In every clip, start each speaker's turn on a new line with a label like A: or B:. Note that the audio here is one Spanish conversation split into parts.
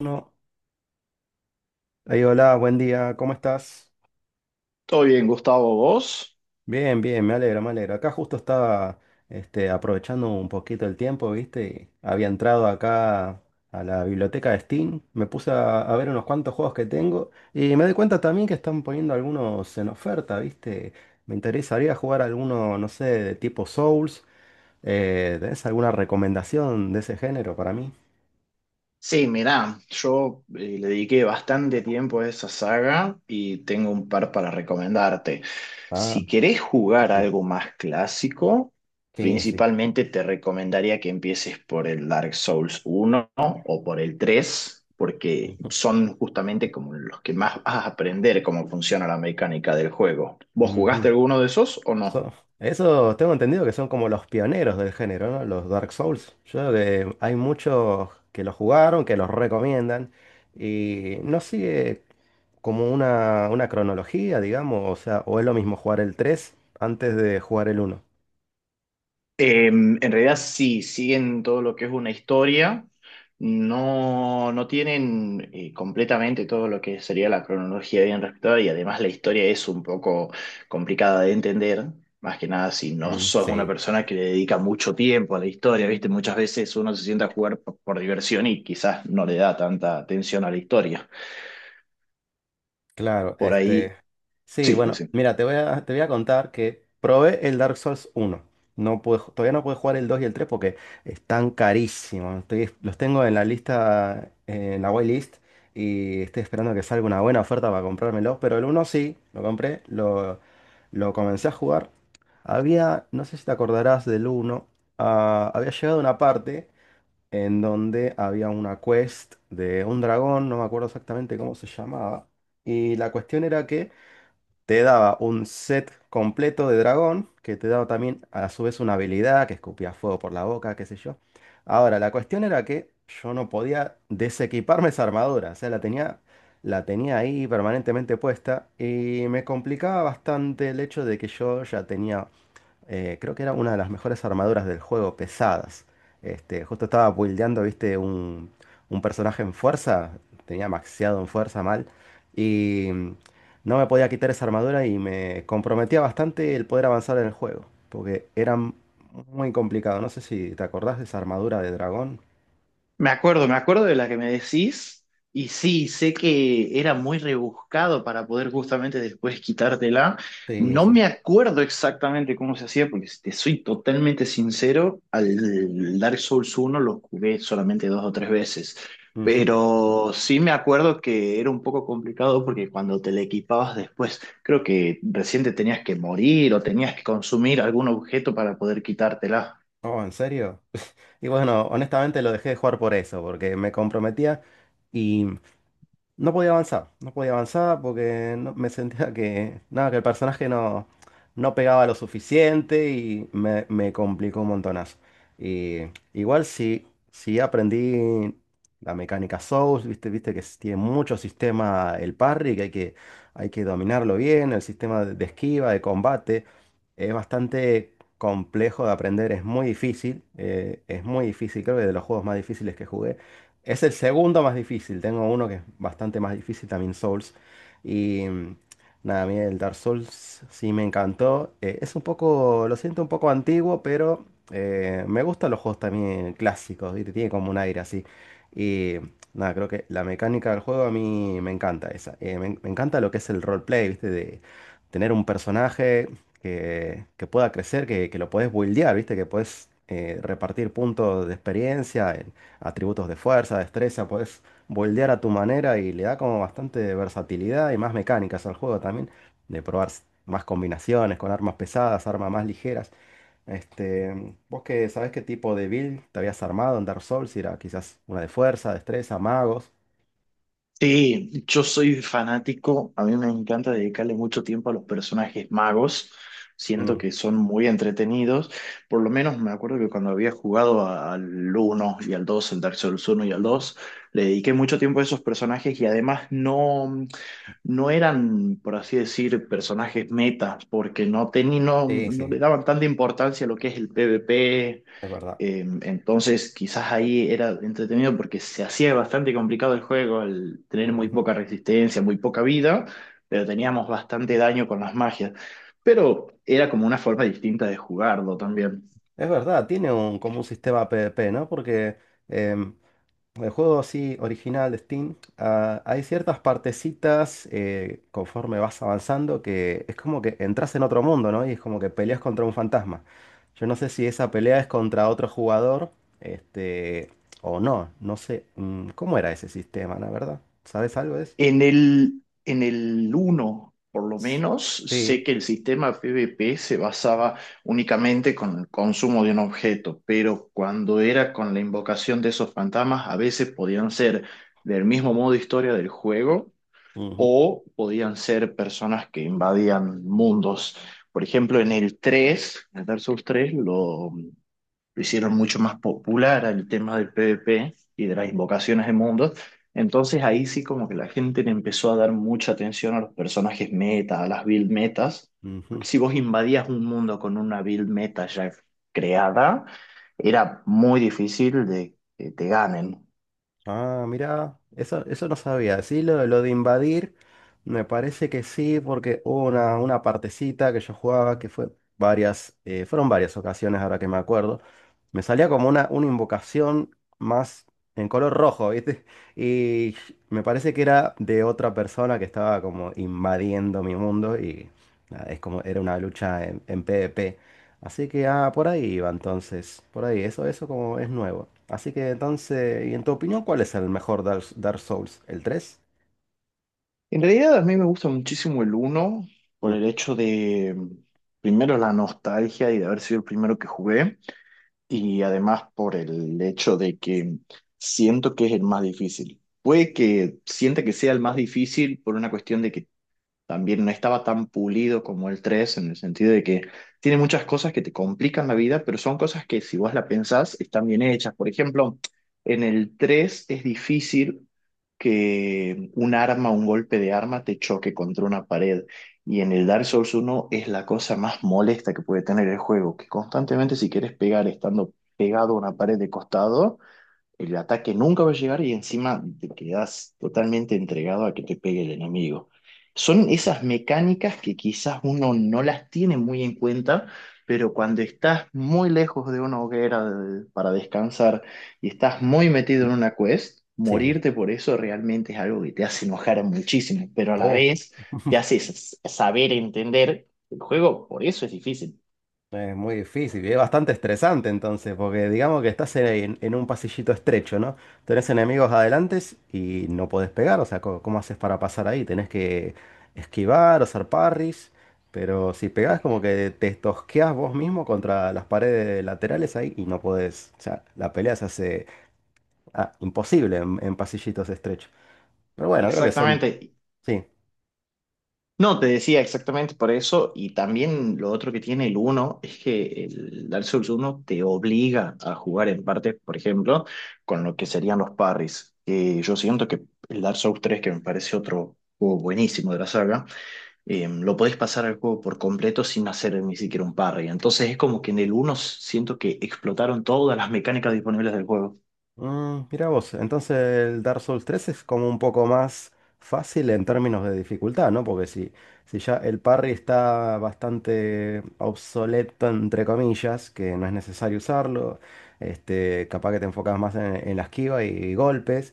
A: No. Ahí, hola, buen día, ¿cómo estás?
B: Todo bien, Gustavo, ¿vos?
A: Bien, bien, me alegro, me alegro. Acá justo estaba aprovechando un poquito el tiempo, ¿viste? Había entrado acá a la biblioteca de Steam, me puse a ver unos cuantos juegos que tengo y me di cuenta también que están poniendo algunos en oferta, ¿viste? Me interesaría jugar alguno, no sé, de tipo Souls. ¿Tenés alguna recomendación de ese género para mí?
B: Sí, mirá, yo le dediqué bastante tiempo a esa saga y tengo un par para recomendarte.
A: Ah,
B: Si querés jugar
A: sí,
B: algo más clásico,
A: sí, sí.
B: principalmente te recomendaría que empieces por el Dark Souls uno o por el 3, porque
A: Ujú.
B: son justamente como los que más vas a aprender cómo funciona la mecánica del juego. ¿Vos jugaste
A: Ujú.
B: alguno de esos o no?
A: So- Eso tengo entendido que son como los pioneros del género, ¿no? Los Dark Souls. Yo creo que hay muchos que lo jugaron, que los recomiendan, y no sigue como una cronología, digamos, o sea, ¿o es lo mismo jugar el 3 antes de jugar el uno?
B: En realidad sí, siguen todo lo que es una historia, no tienen completamente todo lo que sería la cronología bien respetada, y además la historia es un poco complicada de entender, más que nada si no
A: Mm,
B: sos una
A: sí.
B: persona que le dedica mucho tiempo a la historia, ¿viste? Muchas veces uno se sienta a jugar por diversión y quizás no le da tanta atención a la historia.
A: Claro,
B: Por ahí,
A: este. Sí,
B: sí,
A: bueno,
B: sí.
A: mira, te voy a contar que probé el Dark Souls uno. No pude, todavía no pude jugar el 2 y el 3 porque están carísimos. Los tengo en la lista, en la whitelist, y estoy esperando que salga una buena oferta para comprármelo. Pero el uno sí, lo compré, lo comencé a jugar. Había, no sé si te acordarás del uno, ah, había llegado una parte en donde había una quest de un dragón, no me acuerdo exactamente cómo se llamaba. Y la cuestión era que te daba un set completo de dragón, que te daba también a su vez una habilidad que escupía fuego por la boca, qué sé yo. Ahora, la cuestión era que yo no podía desequiparme esa armadura, o sea, la tenía ahí permanentemente puesta y me complicaba bastante el hecho de que yo ya tenía creo que era una de las mejores armaduras del juego, pesadas. Este, justo estaba buildeando, viste, un personaje en fuerza, tenía maxeado en fuerza mal, y no me podía quitar esa armadura y me comprometía bastante el poder avanzar en el juego, porque era muy complicado. No sé si te acordás de esa armadura de dragón.
B: Me acuerdo de la que me decís, y sí, sé que era muy rebuscado para poder justamente después quitártela.
A: Sí,
B: No
A: sí.
B: me acuerdo exactamente cómo se hacía, porque si te soy totalmente sincero, al Dark Souls uno lo jugué solamente dos o tres veces,
A: Ujú.
B: pero sí me acuerdo que era un poco complicado, porque cuando te le equipabas después, creo que recién te tenías que morir o tenías que consumir algún objeto para poder quitártela.
A: Oh, ¿en serio? Y bueno, honestamente lo dejé de jugar por eso, porque me comprometía. No podía avanzar, no podía avanzar porque me sentía que, nada, que el personaje no, no pegaba lo suficiente y me complicó un montonazo. Y igual sí, sí aprendí la mecánica Souls, viste, tiene mucho sistema el parry, que hay que, hay que dominarlo bien, el sistema de esquiva, de combate, es bastante complejo de aprender, es muy difícil, creo que de los juegos más difíciles que jugué. Es el segundo más difícil. Tengo uno que es bastante más difícil, también Souls. Y nada, a mí el Dark Souls sí me encantó. Es un poco, lo siento un poco antiguo, pero me gustan los juegos también clásicos. Y tiene como un aire así. Y nada, creo que la mecánica del juego a mí me encanta esa. Me encanta lo que es el roleplay, ¿viste? De tener un personaje que pueda crecer, que lo podés buildear, ¿viste? Que podés repartir puntos de experiencia, atributos de fuerza, destreza, puedes moldear a tu manera y le da como bastante versatilidad y más mecánicas al juego también, de probar más combinaciones con armas pesadas, armas más ligeras. Este, vos que sabés qué tipo de build te habías armado en Dark Souls, si era quizás una de fuerza, destreza, magos.
B: Sí, yo soy fanático, a mí me encanta dedicarle mucho tiempo a los personajes magos,
A: Mm,
B: siento que son muy entretenidos. Por lo menos me acuerdo que cuando había jugado al uno y al dos, el Dark Souls uno y al dos, le dediqué mucho tiempo a esos personajes, y además no, no eran, por así decir, personajes metas, porque no, no,
A: sí,
B: no
A: sí,
B: le daban tanta importancia a lo que es el PvP.
A: es verdad.
B: Eh, entonces, quizás ahí era entretenido porque se hacía bastante complicado el juego al tener muy
A: Ujú.
B: poca resistencia, muy poca vida, pero teníamos bastante daño con las magias. Pero era como una forma distinta de jugarlo también.
A: Es verdad, tiene un, como un sistema PvP, ¿no? Porque... em, el juego así original de Steam, ah, hay ciertas partecitas conforme vas avanzando que es como que entras en otro mundo, ¿no? Y es como que peleas contra un fantasma. Yo no sé si esa pelea es contra otro jugador, este, o no, no sé. ¿Cómo era ese sistema, la verdad? ¿Sabes algo de eso?
B: En el uno, por lo menos, sé
A: Sí.
B: que el sistema PvP se basaba únicamente con el consumo de un objeto, pero cuando era con la invocación de esos fantasmas, a veces podían ser del mismo modo historia del juego
A: Ujú,
B: o podían ser personas que invadían mundos. Por ejemplo, en el 3, en el Dark Souls tres lo hicieron mucho más popular el tema del PvP y de las invocaciones de mundos. Entonces ahí sí, como que la gente le empezó a dar mucha atención a los personajes meta, a las build metas.
A: ujú.
B: Porque si vos invadías un mundo con una build meta ya creada, era muy difícil de que te ganen.
A: Ah, mira, eso no sabía. Sí, lo de invadir, me parece que sí, porque hubo una partecita que yo jugaba que fue varias, fueron varias ocasiones ahora que me acuerdo. Me salía como una invocación más en color rojo, ¿viste? Y me parece que era de otra persona que estaba como invadiendo mi mundo y nada, es como era una lucha en PvP. Así que ah, por ahí va entonces, por ahí, eso como es nuevo. Así que entonces, ¿y en tu opinión cuál es el mejor Dark Souls? ¿El tres?
B: En realidad a mí me gusta muchísimo el uno, por
A: Mm,
B: el hecho de, mm, primero, la nostalgia y de haber sido el primero que jugué, y además por el hecho de que mm, siento que es el más difícil. Puede que sienta que sea el más difícil por una cuestión de que también no estaba tan pulido como el tres, en el sentido de que tiene muchas cosas que te complican la vida, pero son cosas que si vos la pensás están bien hechas. Por ejemplo, en el 3 es difícil que un arma, un golpe de arma te choque contra una pared. Y en el Dark Souls uno es la cosa más molesta que puede tener el juego, que constantemente si quieres pegar estando pegado a una pared de costado, el ataque nunca va a llegar y encima te quedas totalmente entregado a que te pegue el enemigo. Son esas mecánicas que quizás uno no las tiene muy en cuenta, pero cuando estás muy lejos de una hoguera para descansar y estás muy metido
A: mm,
B: en una quest,
A: sí.
B: morirte por eso realmente es algo que te hace enojar muchísimo, pero a la
A: Oh,
B: vez te hace saber entender el juego, por eso es difícil.
A: es muy difícil y es bastante estresante entonces, porque digamos que estás en un pasillito estrecho, ¿no? Tenés enemigos adelante y no podés pegar, o sea, ¿cómo haces para pasar ahí? Tenés que esquivar o hacer parries, pero si pegás como que te tosqueás vos mismo contra las paredes laterales ahí y no podés, o sea, la pelea se hace ah, imposible en pasillitos estrecho. Pero bueno, creo que son,
B: Exactamente.
A: sí,
B: No, te decía exactamente por eso, y también lo otro que tiene el uno es que el Dark Souls uno te obliga a jugar en parte, por ejemplo, con lo que serían los parries. Que yo siento que el Dark Souls tres, que me parece otro juego buenísimo de la saga, lo podés pasar al juego por completo sin hacer ni siquiera un parry. Entonces es como que en el uno siento que explotaron todas las mecánicas disponibles del juego.
A: mm, mira vos, entonces el Dark Souls 3 es como un poco más fácil en términos de dificultad, ¿no? Porque si, si ya el parry está bastante obsoleto, entre comillas, que no es necesario usarlo, este, capaz que te enfocas más en la esquiva y golpes.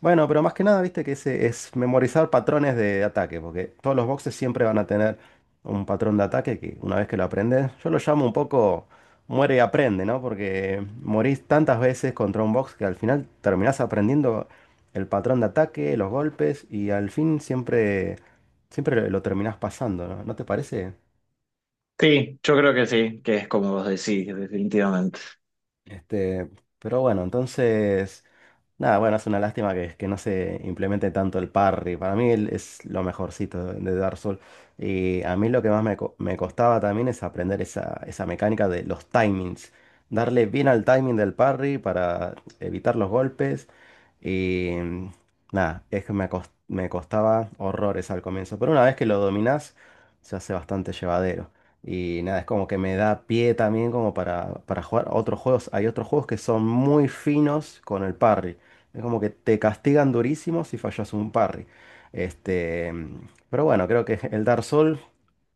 A: Bueno, pero más que nada, viste que ese es memorizar patrones de ataque, porque todos los boxes siempre van a tener un patrón de ataque que una vez que lo aprendes, yo lo llamo un poco Muere y aprende, ¿no? Porque morís tantas veces contra un box que al final terminás aprendiendo el patrón de ataque, los golpes y al fin siempre, siempre lo terminás pasando, ¿no? ¿No te parece?
B: Sí, yo creo que sí, que es como vos decís, definitivamente.
A: Este, pero bueno, entonces nada, bueno, es una lástima que no se implemente tanto el parry. Para mí él es lo mejorcito de Dark Souls. Y a mí lo que más me, me costaba también es aprender esa, esa mecánica de los timings. Darle bien al timing del parry para evitar los golpes. Y nada, es que me, me costaba horrores al comienzo. Pero una vez que lo dominás, se hace bastante llevadero. Y nada, es como que me da pie también como para jugar otros juegos. Hay otros juegos que son muy finos con el parry. Es como que te castigan durísimo si fallas un parry. Este, pero bueno, creo que el Dark Souls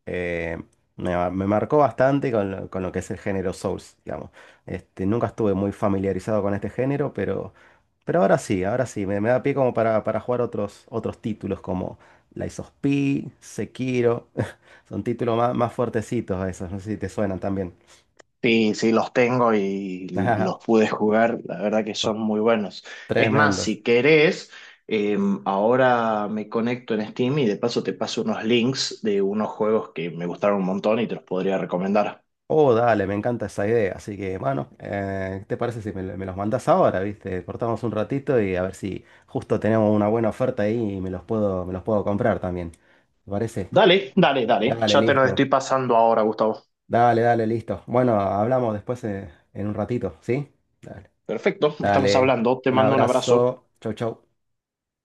A: eh, me marcó bastante con lo que es el género Souls, digamos. Este, nunca estuve muy familiarizado con este género, pero ahora sí, me da pie como para jugar otros, otros títulos como Lies of P, Sekiro. Son títulos más, más fuertecitos esos, no sé si te suenan también.
B: Sí, sí, los tengo y los pude jugar, la verdad que
A: Son
B: son muy buenos. Es más,
A: tremendos.
B: si querés, eh, ahora me conecto en Steam y de paso te paso unos links de unos juegos que me gustaron un montón y te los podría recomendar.
A: Oh, dale, me encanta esa idea. Así que, bueno, ¿qué te parece si me, me los mandas ahora, viste? Cortamos un ratito y a ver si justo tenemos una buena oferta ahí y me los puedo comprar también. ¿Te parece?
B: Dale, dale, dale,
A: Dale,
B: ya te los
A: listo.
B: estoy pasando ahora, Gustavo.
A: Dale, dale, listo. Bueno, hablamos después en un ratito, ¿sí? Dale.
B: Perfecto, estamos
A: Dale.
B: hablando, te
A: Un
B: mando un abrazo.
A: abrazo. Chau, chau.